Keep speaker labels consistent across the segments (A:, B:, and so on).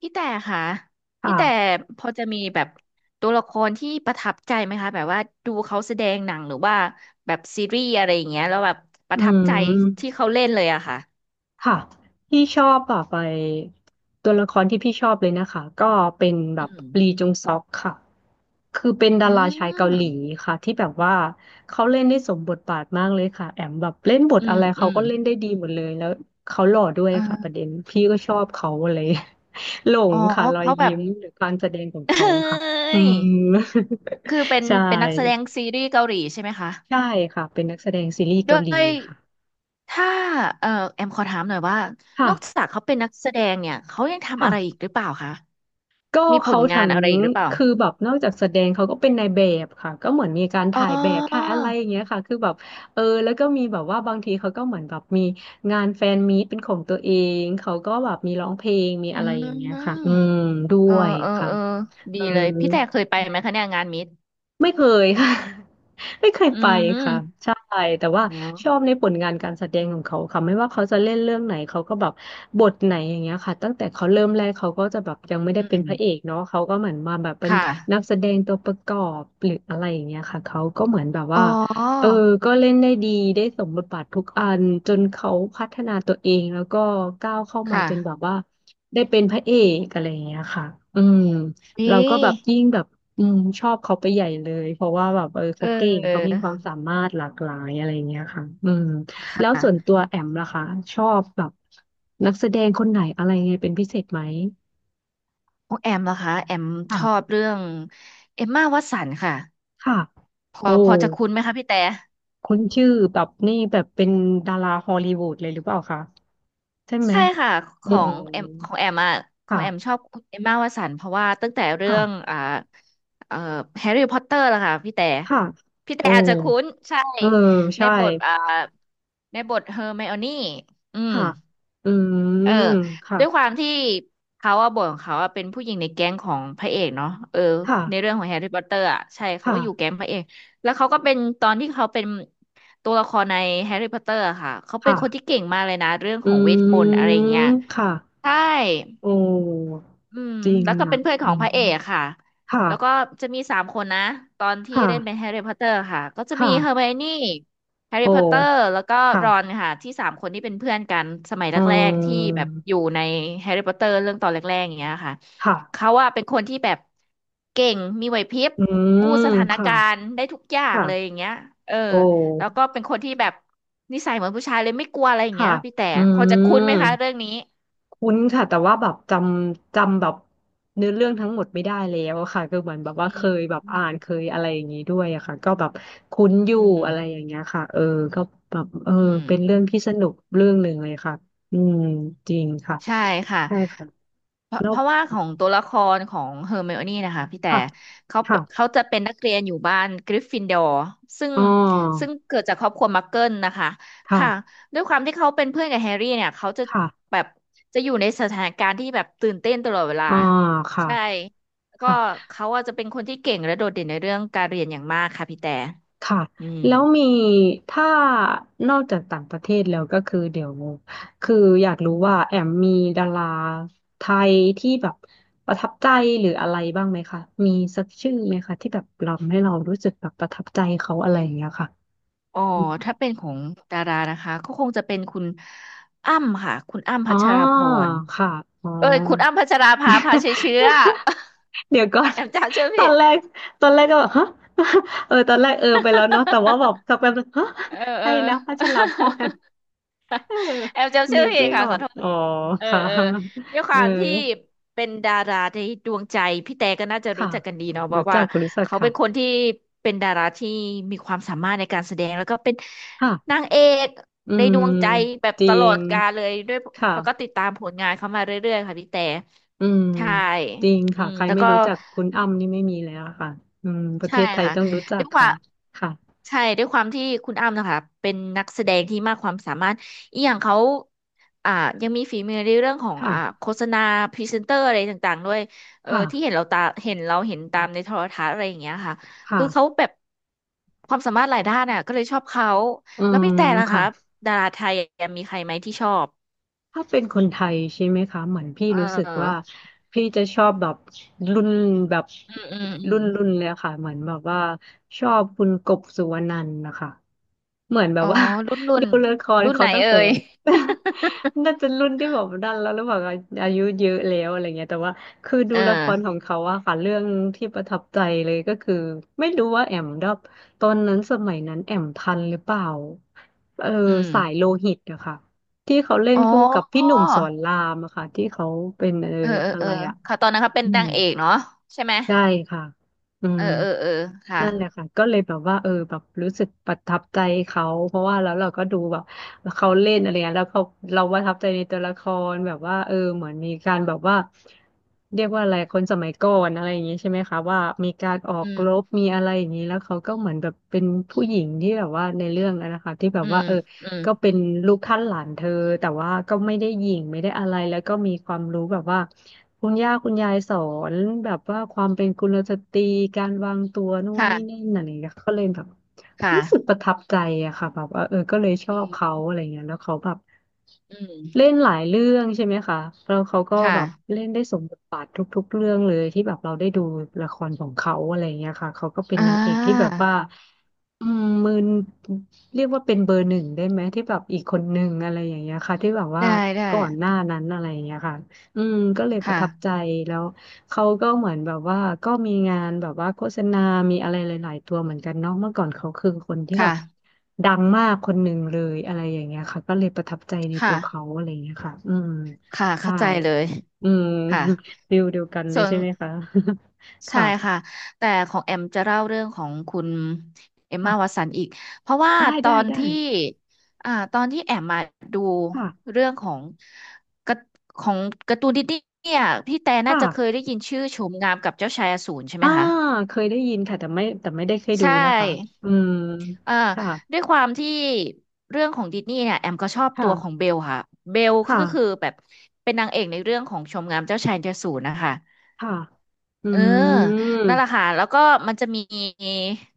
A: พี่แต่ค่ะพี่แต่
B: ค่ะ
A: พอจะมีแบบตัวละครที่ประทับใจไหมคะแบบว่าดูเขาแสดงหนังหรือว่าแบบซีรีส์อะไรอย่างเงี้ยแล้วแบบป
B: อื
A: ระทับใจที่
B: ม
A: เขาเล่นเลยอะค่ะ
B: ค่ะพี่ชอบแบบไปตัวละครที่พี่ชอบเลยนะคะก็เป็นแบ
A: อื
B: บลี
A: ม
B: จงซอกค่ะคือเป็นดา
A: อื
B: ราชายเกาหลี
A: ม
B: ค่ะที่แบบว่าเขาเล่นได้สมบทบาทมากเลยค่ะแอมแบบเล่นบท
A: อื
B: อะ
A: ม
B: ไร
A: อื
B: เขา
A: ม
B: ก็เล่นได้ดีหมดเลยแล้วเขาหล่อด้วยค่ะประ
A: เออ
B: เด็นพี่ก็ชอบเขาเลย หล
A: อ๋
B: ง
A: อ
B: ค่ะรอย
A: เขาแบ
B: ยิ้
A: บ
B: มหรือการแสดงของ
A: เอ้
B: เขาค่ะอื
A: ย
B: ม
A: คือเป็น
B: ใช่
A: เป็นนักแสดงซีรีส์เกาหลีใช่ไหมคะ
B: ใช่ค่ะเป็นนักแสดงซีรีส์เกา
A: ด้ว
B: หลี
A: ย
B: ค่ะ
A: ถ้าเออแอมขอถามหน่อยว่า
B: ค
A: นอกจากเขาเป็นนักแสดงเนี่ยเขายังทำ
B: ่ะ
A: อะไรอีกหรือเปล่าคะ
B: ก็
A: มีผ
B: เขา
A: ลงา
B: ทั้
A: น
B: ง
A: อะไรอีกหรือเปล่า
B: คือแบบนอกจากแสดงเขาก็เป็นนายแบบค่ะก็เหมือนมีการ
A: อ๋
B: ถ่ายแบบถ่าย
A: อ
B: อะไรอย่างเงี้ยค่ะคือแบบเออแล้วก็มีแบบว่าบางทีเขาก็เหมือนแบบมีงานแฟนมีตเป็นของตัวเองเขาก็แบบมีร้องเพลงมีอะ
A: อื
B: ไรอย่างเงี้ยค่ะอื
A: ม
B: มด้
A: เออ
B: วย
A: เออ
B: ค่ะ
A: เออ ดี
B: เออ
A: เลย พี่แต่เคยไปไหมคะเนี่ยงานมิตร
B: ไม่เคยค่ะ ไม่เคย
A: อื
B: ไปค่ะ
A: ม
B: ใช่แต่ว่า
A: อ๋อ
B: ชอบในผลงานการแสดงของเขาค่ะไม่ว่าเขาจะเล่นเรื่องไหนเขาก็แบบบทไหนอย่างเงี้ยค่ะตั้งแต่เขาเริ่มแรกเขาก็จะแบบยังไม่ได้
A: อื
B: เป็นพระเอก
A: ม
B: เนาะเขาก็เหมือนมาแบบเป็น
A: ค่
B: นัก
A: ะ
B: แสดงตัวประกอบหรืออะไรอย่างเงี้ยค่ะเขาก็เหมือนแบบ
A: อ๋
B: ว่าเออ
A: อ
B: ก็เล่นได้ดีได้สมบทบาททุกอันจนเขาพัฒนาตัวเองแล้วก็ก้าวเข้ามา
A: ค่ะ
B: จนแบบว่าได้เป็นพระเอกอะไรอย่างเงี้ยค่ะอืมเรา
A: นี่
B: ก็แบบยิ่งแบบ อืมชอบเขาไปใหญ่เลยเพราะว่าแบบเออ
A: เ
B: เขาเก่งเขา
A: อ
B: มี
A: อ
B: ความสามารถหลากหลายอะไรเงี้ยค่ะอืม
A: ค
B: แล้วส่วน
A: ่ะ
B: ตัวแอมล่ะคะชอบแบบนักแสดงคนไหนอะไรไงเป็นพิเศษไหม
A: ของแอมเหรอคะ แอมชอบ
B: ค่ะ
A: เรื่องเอมม่าวัตสันค่ะ
B: ค่ะ
A: พอ
B: โอ้
A: พอจะคุ้นไหมคะพี่แต่
B: คุ้นชื่อแบบนี่แบบเป็นดาราฮอลลีวูดเลยหรือเปล่าคะใช่ไหม
A: ใช่ค่ะข
B: อื
A: อ
B: ม
A: งแอมของแอมอ่ะขอ
B: ค่ะ
A: งแอมชอบเอมม่าวตสันเพราะว่าตั้งแต่เรื่
B: ค่ะ
A: องเอ่อแฮร์รี่พอตเตอร์ละค่ะพี่แต่
B: ค่ะ
A: พี่แต่
B: โอ้
A: อาจจะคุ้นใช่
B: เออ
A: ใน
B: ใช่
A: บทในบทเฮอร์ไมโอนี่อืม
B: ค่ะอื
A: เออ
B: มค่ะ
A: ด้วยความที่เขาอะบทของเขาอะเป็นผู้หญิงในแก๊งของพระเอกเนาะเออ
B: ค่ะ
A: ในเรื่องของแฮร์รี่พอตเตอร์อะใช่เขาก็อยู่แก๊
B: ค่ะ
A: งพระเอก แล้วเขาก็เป็นตอนที่เขาเป็นตัวละครในแฮร์รี่พอตเตอร์อะค่ะ เขาเป็น
B: ค่ะ
A: คนที่เก่งมากเลยนะเรื่องขอ
B: อื
A: งเวทมนต์อะไรอย่างเงี้ย
B: มค่ะ
A: ใช่
B: โอ้
A: อืม
B: จริง
A: แล้วก็เป็
B: อ่ะ
A: นเพื่อนข
B: อื
A: องพระ
B: ม
A: เอกค่ะแล้วก็
B: ค่ะ
A: จะมีสามคนนะตอนที่
B: ค่ะ
A: เล่นเป็นแฮร์รี่พอตเตอร์ค่ะก็จะมี
B: ค่ะ
A: เฮอร์ไมโอนี่แฮร์
B: โอ้
A: รี่พอตเตอร์แล้วก็รอน
B: ค่ะ
A: ค่ะที่สามคนที่เป็นเพื่อนกันสมัย
B: อื
A: แรกๆที่แบ
B: ม
A: บอยู่ในแฮร์รี่พอตเตอร์เรื่องตอนแรกๆอย่างเงี้ยค่ะ
B: ค่ะ
A: เขาว่าเป็นคนที่แบบเก่งมีไหวพริบ
B: อื
A: กู้ส
B: ม
A: ถาน
B: ค่ะ
A: การณ์ได้ทุกอย่างเลยอ
B: ค่ะ
A: ย่างเงี้ยเออ
B: โอ
A: แล้ว
B: ้
A: ก็เป็นคนที่แบบนิสัยเหมือนผู้ชายเลยไม่กลัวอะไรอย่างเงี้
B: ค่ะ
A: ยพี่แต่
B: อื
A: พอจะคุ้นไหมคะเรื่
B: ม
A: องนี้
B: คุ้นค่ะแต่ว่าแบบจำแบบเนื้อเรื่องทั้งหมดไม่ได้แล้วอะค่ะก็เหมือนแบบ
A: อื
B: ว่าเค
A: ม
B: ยแบบ
A: อืม
B: อ่านเคยอะไรอย่างนี้ด้วยอะค่ะก็แบบคุ้นอยู่
A: อืม
B: อะไรอย่างเงี้ยค่ะเออก็แบบเออ
A: อืม
B: เป็นเรื่องที่สนุกเรื่องหนึ่งเลยค่ะอืมจริงค่ะ
A: ใช่ค่ะ
B: ใช่ค่ะ
A: เพราะ
B: แล้ว
A: เพราะว่าของตัวละครของเฮอร์ไมโอนี่นะคะพี่แต่
B: ค่ะ
A: เขาเป็นเขา
B: ค่ะ
A: จะเป็นนักเรียนอยู่บ้านกริฟฟินดอร์ซึ่ง
B: อ๋
A: ซึ่
B: อ
A: งเกิดจากครอบครัวมักเกิลนะคะ
B: ค่ะ
A: ค่ะด้วยความที่เขาเป็นเพื่อนกับแฮร์รี่เนี่ยเขาจะ
B: ค่ะ
A: แบบจะอยู่ในสถานการณ์ที่แบบตื่นเต้นตลอดเวลา
B: อ่าค่ะ
A: ใช่แล้วก็
B: ค่ะ
A: เขาอาจจะเป็นคนที่เก่งและโดดเด่นในเรื่องการเรียนอย่างมากค่ะพี่แต่
B: ค่ะ
A: อืม
B: แล้วมีถ้านอกจากต่างประเทศแล้วก็คือเดี๋ยวคืออยากรู้ว่าแอมมีดาราไทยที่แบบประทับใจหรืออะไรบ้างไหมคะมีสักชื่อไหมคะที่แบบเราให้เรารู้สึกแบบประทับใจเขาอะไรอย่างเงี้ยค่ะ
A: อ๋อถ้าเป็นของดารานะคะก็คงจะเป็นคุณอ้ำค่ะคุณอ้ำ
B: อ๋อ
A: พัชราภรณ์
B: ค่ะอ๋อ
A: เอ้ยคุณอ้ำพัชราภาพาชัยเชื้อ
B: เดี๋ยวก่อน
A: แอมจำชื่อ
B: ตอ
A: ผิ
B: น
A: ด
B: แรกตอนแรกก็แบบฮะ ตอนแรกไปแล้วเนาะแต่ว่าแบบ สักแป๊บนึงฮะ
A: เออ
B: ใค
A: เอ
B: ร
A: อ
B: นะพัชรพร เออ
A: แอมจำชื่
B: นึ
A: อ
B: ก
A: ผิด
B: ไม่
A: ค่ะ
B: ออ
A: ขอ
B: ก
A: โทษ
B: อ๋อ
A: เออ
B: ค่ะ
A: เออด้วยค
B: เออ
A: วามที่เป็นดาราในดวงใจพี่แต่ก็น่าจะรู้
B: ค่ะ
A: จักกันดีเนาะเพ
B: รู้
A: ราะ
B: จั
A: ว่า
B: กรู้จัก
A: เขาเป็นค
B: ค่ะ
A: นที่เป็นดาราที่มีความสามารถในการแสดงแล้วก็เป็นนา
B: ค่ะ
A: งเอก
B: อื
A: ในด
B: ม
A: วงใจแบบ
B: จ
A: ต
B: ริ
A: ลอ
B: ง
A: ดกาลเลยด้วย
B: ค่ะ
A: แล้วก็ติดตามผลงานเขามาเรื่อยๆค่ะพี่แต่
B: อืม
A: ใช่
B: จริง
A: อื
B: ค่ะ
A: ม
B: ใคร
A: แล้ว
B: ไม่
A: ก็
B: รู้จักคุณอ้ำนี่ไม่มีแล้วค่ะอืมประเท
A: ใช่
B: ศไทย
A: ค่ะ
B: ต้องรู้จั
A: ด้
B: ก
A: วยควา
B: ค่ะ
A: ม
B: ค่ะ
A: ใช่ด้วยความที่คุณอ้ำนะคะเป็นนักแสดงที่มากความสามารถอีกอย่างเขาอ่ายังมีฝีมือในเรื่องของ
B: ค่ะ
A: โฆษณาพรีเซนเตอร์อะไรต่างๆด้วยเออ
B: ค่ะ
A: ที่เห็นเราตาเห็นเราเห็นตามในโทรทัศน์อะไรอย่างเงี้ยค่ะ
B: ค่ะ
A: คือเขาแบบความสามารถหลายด้านน่ะก็เลยชอบเขา
B: อื
A: แล้ว
B: ม
A: พี่แต่ล่ะ
B: ค่ะ
A: คะดาราไทยมีใครไหมที่ชอบ
B: ถ้าเป็นคนไทยใช่ไหมคะเหมือนพี่
A: เ
B: รู้สึกว่า
A: ออ
B: พี่จะชอบแบบรุ่นแบบ
A: อืมอืมอื
B: รุ่
A: ม
B: นรุ่นเลยอะค่ะเหมือนแบบว่าชอบคุณกบสุวรรณันท์นะคะเหมือนแบ
A: อ๋
B: บ
A: อ
B: ว่า
A: รุ่นรุ่ น
B: ดูละคร
A: รุ่นไห
B: เขา
A: น
B: ตั้ง
A: เอ่
B: แต่
A: ย
B: น่าจะรุ่นที่แบบดันแล้วหรือเปล่าคะอายุเยอะแล้วอะไรเงี้ยแต่ว่าคือดู
A: เออ
B: ละครของเขาอะค่ะเรื่องที่ประทับใจเลยก็คือไม่รู้ว่าแอมดับตอนนั้นสมัยนั้นแอมทันหรือเปล่าเออ
A: อืม
B: สายโลหิตอะค่ะ ที่เขาเล่น
A: อ๋อ
B: คู่กับพี่หนุ่มสอนรามอะค่ะที่เขาเป็น
A: เออเออ
B: อะ
A: เอ
B: ไร
A: อ
B: อะ
A: เขาตอนนั้นเขาเป็น
B: อื
A: นา
B: ม
A: งเอกเนาะใช่ไหม
B: ใช่ค่ะอื
A: เอ
B: ม
A: อเออเออค่ะ
B: นั่นแหละค่ะก็เลยแบบว่าแบบรู้สึกประทับใจเขาเพราะว่าแล้วเราก็ดูแบบเขาเล่นอะไรเงี้ยแล้วเขาเราประทับใจในตัวละครแบบว่าเหมือนมีการแบบว่าเรียกว่าอะไรคนสมัยก่อนอะไรอย่างงี้ใช่ไหมคะว่ามีการออ
A: อื
B: กรบ
A: ม
B: มีอะไรอย่างนี้แล้วเขาก็เหมือนแบบเป็นผู้หญิงที่แบบว่าในเรื่องนั้นนะคะที่แบบ
A: อื
B: ว่า
A: ม
B: เออ
A: อืม
B: ก็เป็นลูกท่านหลานเธอแต่ว่าก็ไม่ได้หยิ่งไม่ได้อะไรแล้วก็มีความรู้แบบว่าคุณย่าคุณยายสอนแบบว่าความเป็นกุลสตรีการวางตัวนู่นนี่นั่
A: ค่ะ
B: นอะไรอย่างเงี้ยก็เลยแบบรู้สึก
A: ค่ะ
B: ประทับใจอะค่ะแบบว่าก็เลยชอบ
A: อื
B: เขา
A: ม
B: อะไรเงี้ยแล้วเขาแบบ
A: อืม
B: เล่นหลายเรื่องใช่ไหมคะแล้วเขาก็
A: ค่ะ
B: แบบเล่นได้สมบทบาททุกๆเรื่องเลยที่แบบเราได้ดูละครของเขาอะไรเงี้ยค่ะเขาก็เป็น
A: อ่
B: นางเอกที่แบบ
A: า
B: ว่าอืมมืน เรียกว่าเป็นเบอร์หนึ่งได้ไหมที่แบบอีกคนหนึ่งอะไรอย่างเงี้ยค่ะที่แบบว่า
A: ได้ได้
B: ก่อนหน้านั้นอะไรอย่างเงี้ยค่ะอืมก็เลยประ
A: ค่ะ
B: ทับใจแล้วเขาก็เหมือนแบบว่าก็มีงานแบบว่าโฆษณามีอะไรหลายๆตัวเหมือนกันเนาะเมื่อก่อนเขาคือคนที่
A: ค
B: แบบ
A: ่ะ
B: ดังมากคนหนึ่งเลยอะไรอย่างเงี้ยค่ะก็เลยประทับใจในตั
A: ค่ะ
B: วเขาอะไรอย่างเงี้ยค่ะอืม
A: ค่ะ
B: ใช่
A: เข้าใจเลย
B: อืม
A: ค่ะ
B: ฟิลเดียวกันเลย
A: ส่วน
B: ใช่ไหมคะ
A: ใช่
B: ค่ะ
A: ค่ะแต่ของแอมจะเล่าเรื่องของคุณเอมมาวัต
B: ค่ะ
A: สันอีกเพราะว่า
B: ได้
A: ตอ
B: ได้
A: น
B: ได้
A: ที่ตอนที่แอมมาดู
B: ค่ะ
A: เรื่องของกระของการ์ตูนดิสนีย์เนี่ยพี่แต่น่า
B: ค่ะ
A: จะเคยได้ยินชื่อโฉมงามกับเจ้าชายอสูรใช่ไหม
B: อ่า
A: คะ
B: เคยได้ยินค่ะแต่ไม่แต่ไม่ได้เคย
A: ใช
B: ดูนะคะ
A: ่
B: อืม
A: เอ่อ
B: ค่ะ
A: ด้วยความที่เรื่องของดิสนีย์เนี่ยแอมก็ชอบตัวของ
B: ค่ะ
A: เบลค่ะเบล
B: ค่ะ
A: ก็คือแบบเป็นนางเอกในเรื่องของชมงามเจ้าชายอสูรนะคะ
B: ค่ะอื
A: เออนั่น
B: ม
A: แหละค่ะ แล้วก็มันจะมี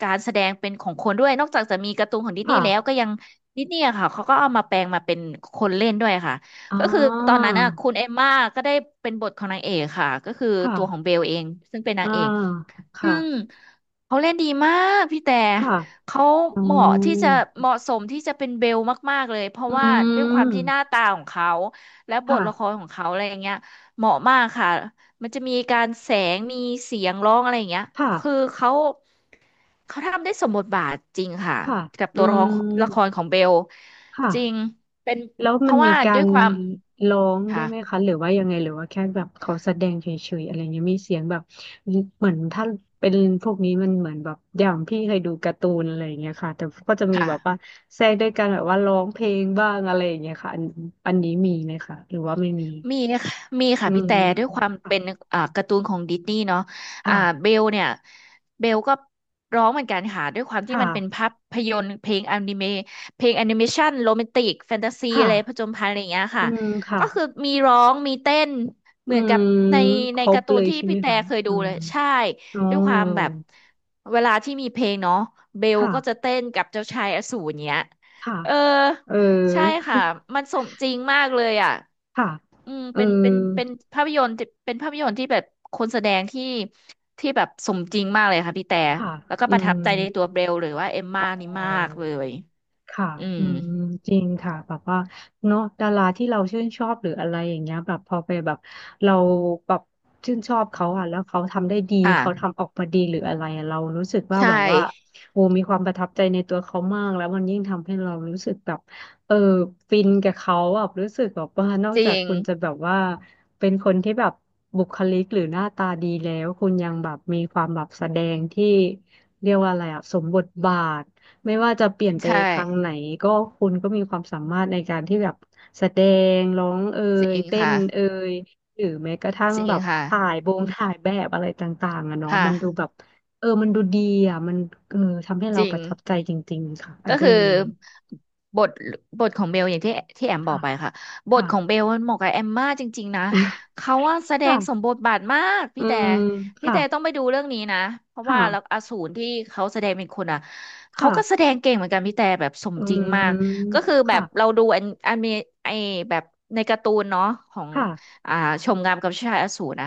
A: การแสดงเป็นของคนด้วย นอกจากจะมีการ์ตูนของดิสนี
B: ค่ะ
A: ย์แล้วก็ยังดิสนีย์อะค่ะเขาก็เอามาแปลงมาเป็นคนเล่นด้วยค่ะ
B: อ่
A: ก็คือตอ
B: า
A: นนั้นน่ะคุณเอมม่าก็ได้เป็นบทของนางเอกค่ะ ก็คือ
B: ค่ะ
A: ตัวของเบลเองซึ่งเป็นนา
B: อ่า
A: งเอก ซึ่
B: ค่ะ
A: งเขาเล่นดีมากพี่แต่
B: ค่ะ
A: เขา
B: อื
A: เหมาะที่จะ
B: ม
A: เหมาะสมที่จะเป็นเบลมากๆเลยเพราะ
B: อื
A: ว่าด้วยความที่หน้า
B: ม
A: ตาของเขาและบ
B: ค่ะ
A: ทละครของเขาอะไรอย่างเงี้ยเหมาะมากค่ะมันจะมีการแสงมีเสียงร้องอะไรอย่างเงี้ย
B: ค่ะ
A: คือเขาทำได้สมบทบาทจริงค่ะ
B: ค่ะ
A: กับ
B: อื
A: ตัวละครละคร
B: ม
A: ของเบล
B: ค่ะ
A: จริงเป็น
B: แล้ว
A: เพ
B: มัน
A: ราะ
B: มี
A: ว่า
B: กา
A: ด้วย
B: ร
A: ความ
B: ร้องด้
A: ค่ะ
B: วยไหมคะหรือว่ายังไงหรือว่าแค่แบบเขาแสดงเฉยๆอะไรเงี้ยมีเสียงแบบเหมือนถ้าเป็นพวกนี้มันเหมือนแบบอย่างพี่เคยดูการ์ตูนอะไรอย่างเงี้ยค่ะแต่ก็จะมีแบบว่า
A: ค่ะ
B: แทรกด้วยการแบบว่าร้องเพลงบ้างอะไรอย่างเงี้ยค่ะอันอันนี้มีไหมคะหรือว่าไม่มี
A: มีค่ะมีค่ะ
B: อื
A: พี่
B: ม
A: แต่ด้วยความเป็นการ์ตูนของดิสนีย์เนาะอ่า
B: ค่ะ
A: เบลเนี่ยเบลก็ร้องเหมือนกันค่ะด้วยความที่
B: ค่ะ
A: มันเป็นภาพยนตร์เพลงอนิเมะเพลงแอนิเมชันโรแมนติกแฟนตาซี
B: ค่ะ
A: อะไรผจญภัยอะไรอย่างเงี้ย
B: อื
A: ค่ะ
B: มค่ะ
A: ก็คือมีร้องมีเต้นเห
B: อื
A: มือนกับ
B: ม
A: ใน
B: ค
A: ใน
B: ร
A: กา
B: บ
A: ร์ตู
B: เล
A: น
B: ย
A: ที่
B: ใช่ไหม
A: พี่แต่
B: คะ
A: เคย
B: อื
A: ดู
B: ม
A: เลยใช่
B: อ๋อ
A: ด้วยความแบบเวลาที่มีเพลงเนาะเบล
B: ค่ะ
A: ก็จะเต้นกับเจ้าชายอสูรเนี้ย
B: ค่ะ
A: เออ
B: เออ
A: ใช่ค่ะมันสมจริงมากเลยอ่ะ
B: ค่ะ
A: อืม
B: เอ
A: เป็น
B: อ
A: เป็นเป็นภาพยนตร์ที่เป็นภาพยนตร์ที่แบบคนแสดงที่แบบสมจริงมากเลยค่ะพี่แต่
B: ค่ะ
A: แล้วก็
B: อื
A: ประทับใจใน
B: ม
A: ตัวเบลหรือว่าเอม
B: อ๋
A: ม่า
B: อ
A: นี่มากเลย
B: ค่ะ
A: อืม
B: อืมจริงค่ะแบบว่าเนาะดาราที่เราชื่นชอบหรืออะไรอย่างเงี้ยแบบพอไปแบบเราแบบชื่นชอบเขาอ่ะแล้วเขาทำได้ดีเขา
A: ค่ะ
B: ทำออกมาดีหรืออะไรอะเรารู้สึกว่า
A: ใช่
B: แบบว่าโอ้มีความประทับใจในตัวเขามากแล้วมันยิ่งทำให้เรารู้สึกแบบเออฟินกับเขาอ่ะรู้สึกแบบว่านอก
A: จ
B: จา
A: ริ
B: ก
A: ง
B: คุณจะแบบว่าเป็นคนที่แบบบุคลิกหรือหน้าตาดีแล้ว คุณยังแบบมีความแบบแสดงที่เรียกว่าอะไรอ่ะสมบทบาท ไม่ว่าจะเปลี่ยนไป
A: ใช่
B: ทางไหนก็คุณก็มีความสามารถในการที่แบบแสดงร้อง
A: จริง
B: เต้น
A: ค่ะ
B: เอ่ยหรือแม้กระทั่ง
A: จริ
B: แบ
A: ง
B: บ
A: ค่ะ
B: ถ่ายบงถ่ายแบบอะไรต่างๆอะเนาะ
A: ค่ะ
B: มันดูแบบมันดูดีอ่ะมันเออทำให้
A: จ
B: เรา
A: ริ
B: ป
A: ง
B: ระทับใจจริงๆค่ะอัน
A: ก็
B: เรื่
A: คื
B: อ
A: อ
B: งนี้
A: บทบทของเบลอย่างที่ที่แอมบอ
B: ค่ะ
A: กไปค่ะบท
B: ค่ะ
A: ของเบลมันเหมาะกับแอมมากจริงๆนะเขาว่าแส ด
B: ค่ะ
A: งสมบทบาทมาก
B: อื
A: พี่แต่
B: ม
A: พี่
B: ค่ะ
A: แต่ต้องไปดูเรื่องนี้นะเพราะ
B: ค
A: ว่าแล้วอ
B: ่ะ
A: สูรที่เขาแสดงเป็นคนอ่ะเขา
B: ค่ะ
A: ก็แสดงเก่งเหมือนกันพี่แต่แบบสม
B: อื
A: จริงมาก
B: ม
A: ก็คือแบบเรา
B: ค่ะ
A: ดูอันอันมีไอแบบในการ์ตูนเนาะของ
B: ค่ะ
A: อ่าชมงามกับชายอสูรนะ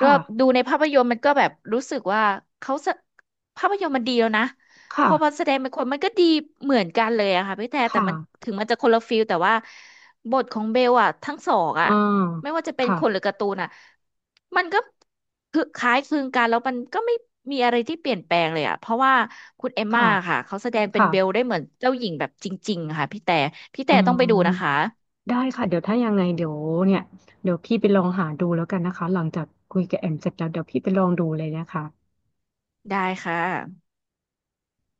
A: ด้วย
B: ่ะ
A: ดูในภาพยนตร์มันก็แบบรู้สึกว่าเขาสะภาพยนตร์มันดีแล้วนะ พ
B: ค่ะ
A: อมันแสดงเป็นคนมันก็ดีเหมือนกันเลยอะค่ะพี่แต่
B: ค
A: แต่มัน
B: ่ะ
A: ถึงมันจะคนละฟิลแต่ว่าบทของเบลอะทั้งสองอะ
B: อ่า
A: ไม่ว่าจะเป็น
B: ค่ะ
A: คนหรือการ์ตูนอะมันก็คือคล้ายคลึงกันแล้วมันก็ไม่มีอะไรที่เปลี่ยนแปลงเลยอะเพราะว่าคุณเอมม่า
B: ค่ะ
A: ค่ะเขาแสดงเป็น
B: ค่ะ
A: เบลได้เหมือนเจ้าหญิงแบบจริงๆค่ะพี่แต่พี่
B: อื
A: แต่ต้อ
B: ม
A: งไปดูนะคะ
B: ได้ค่ะเดี๋ยวถ้ายังไงเดี๋ยวเนี่ยเดี๋ยวพี่ไปลองหาดูแล้วกันนะคะหลังจากคุยกับแอมเสร็จแล้วเดี๋ยวพี่ไปลองดูเลยนะคะ
A: ได้ค่ะ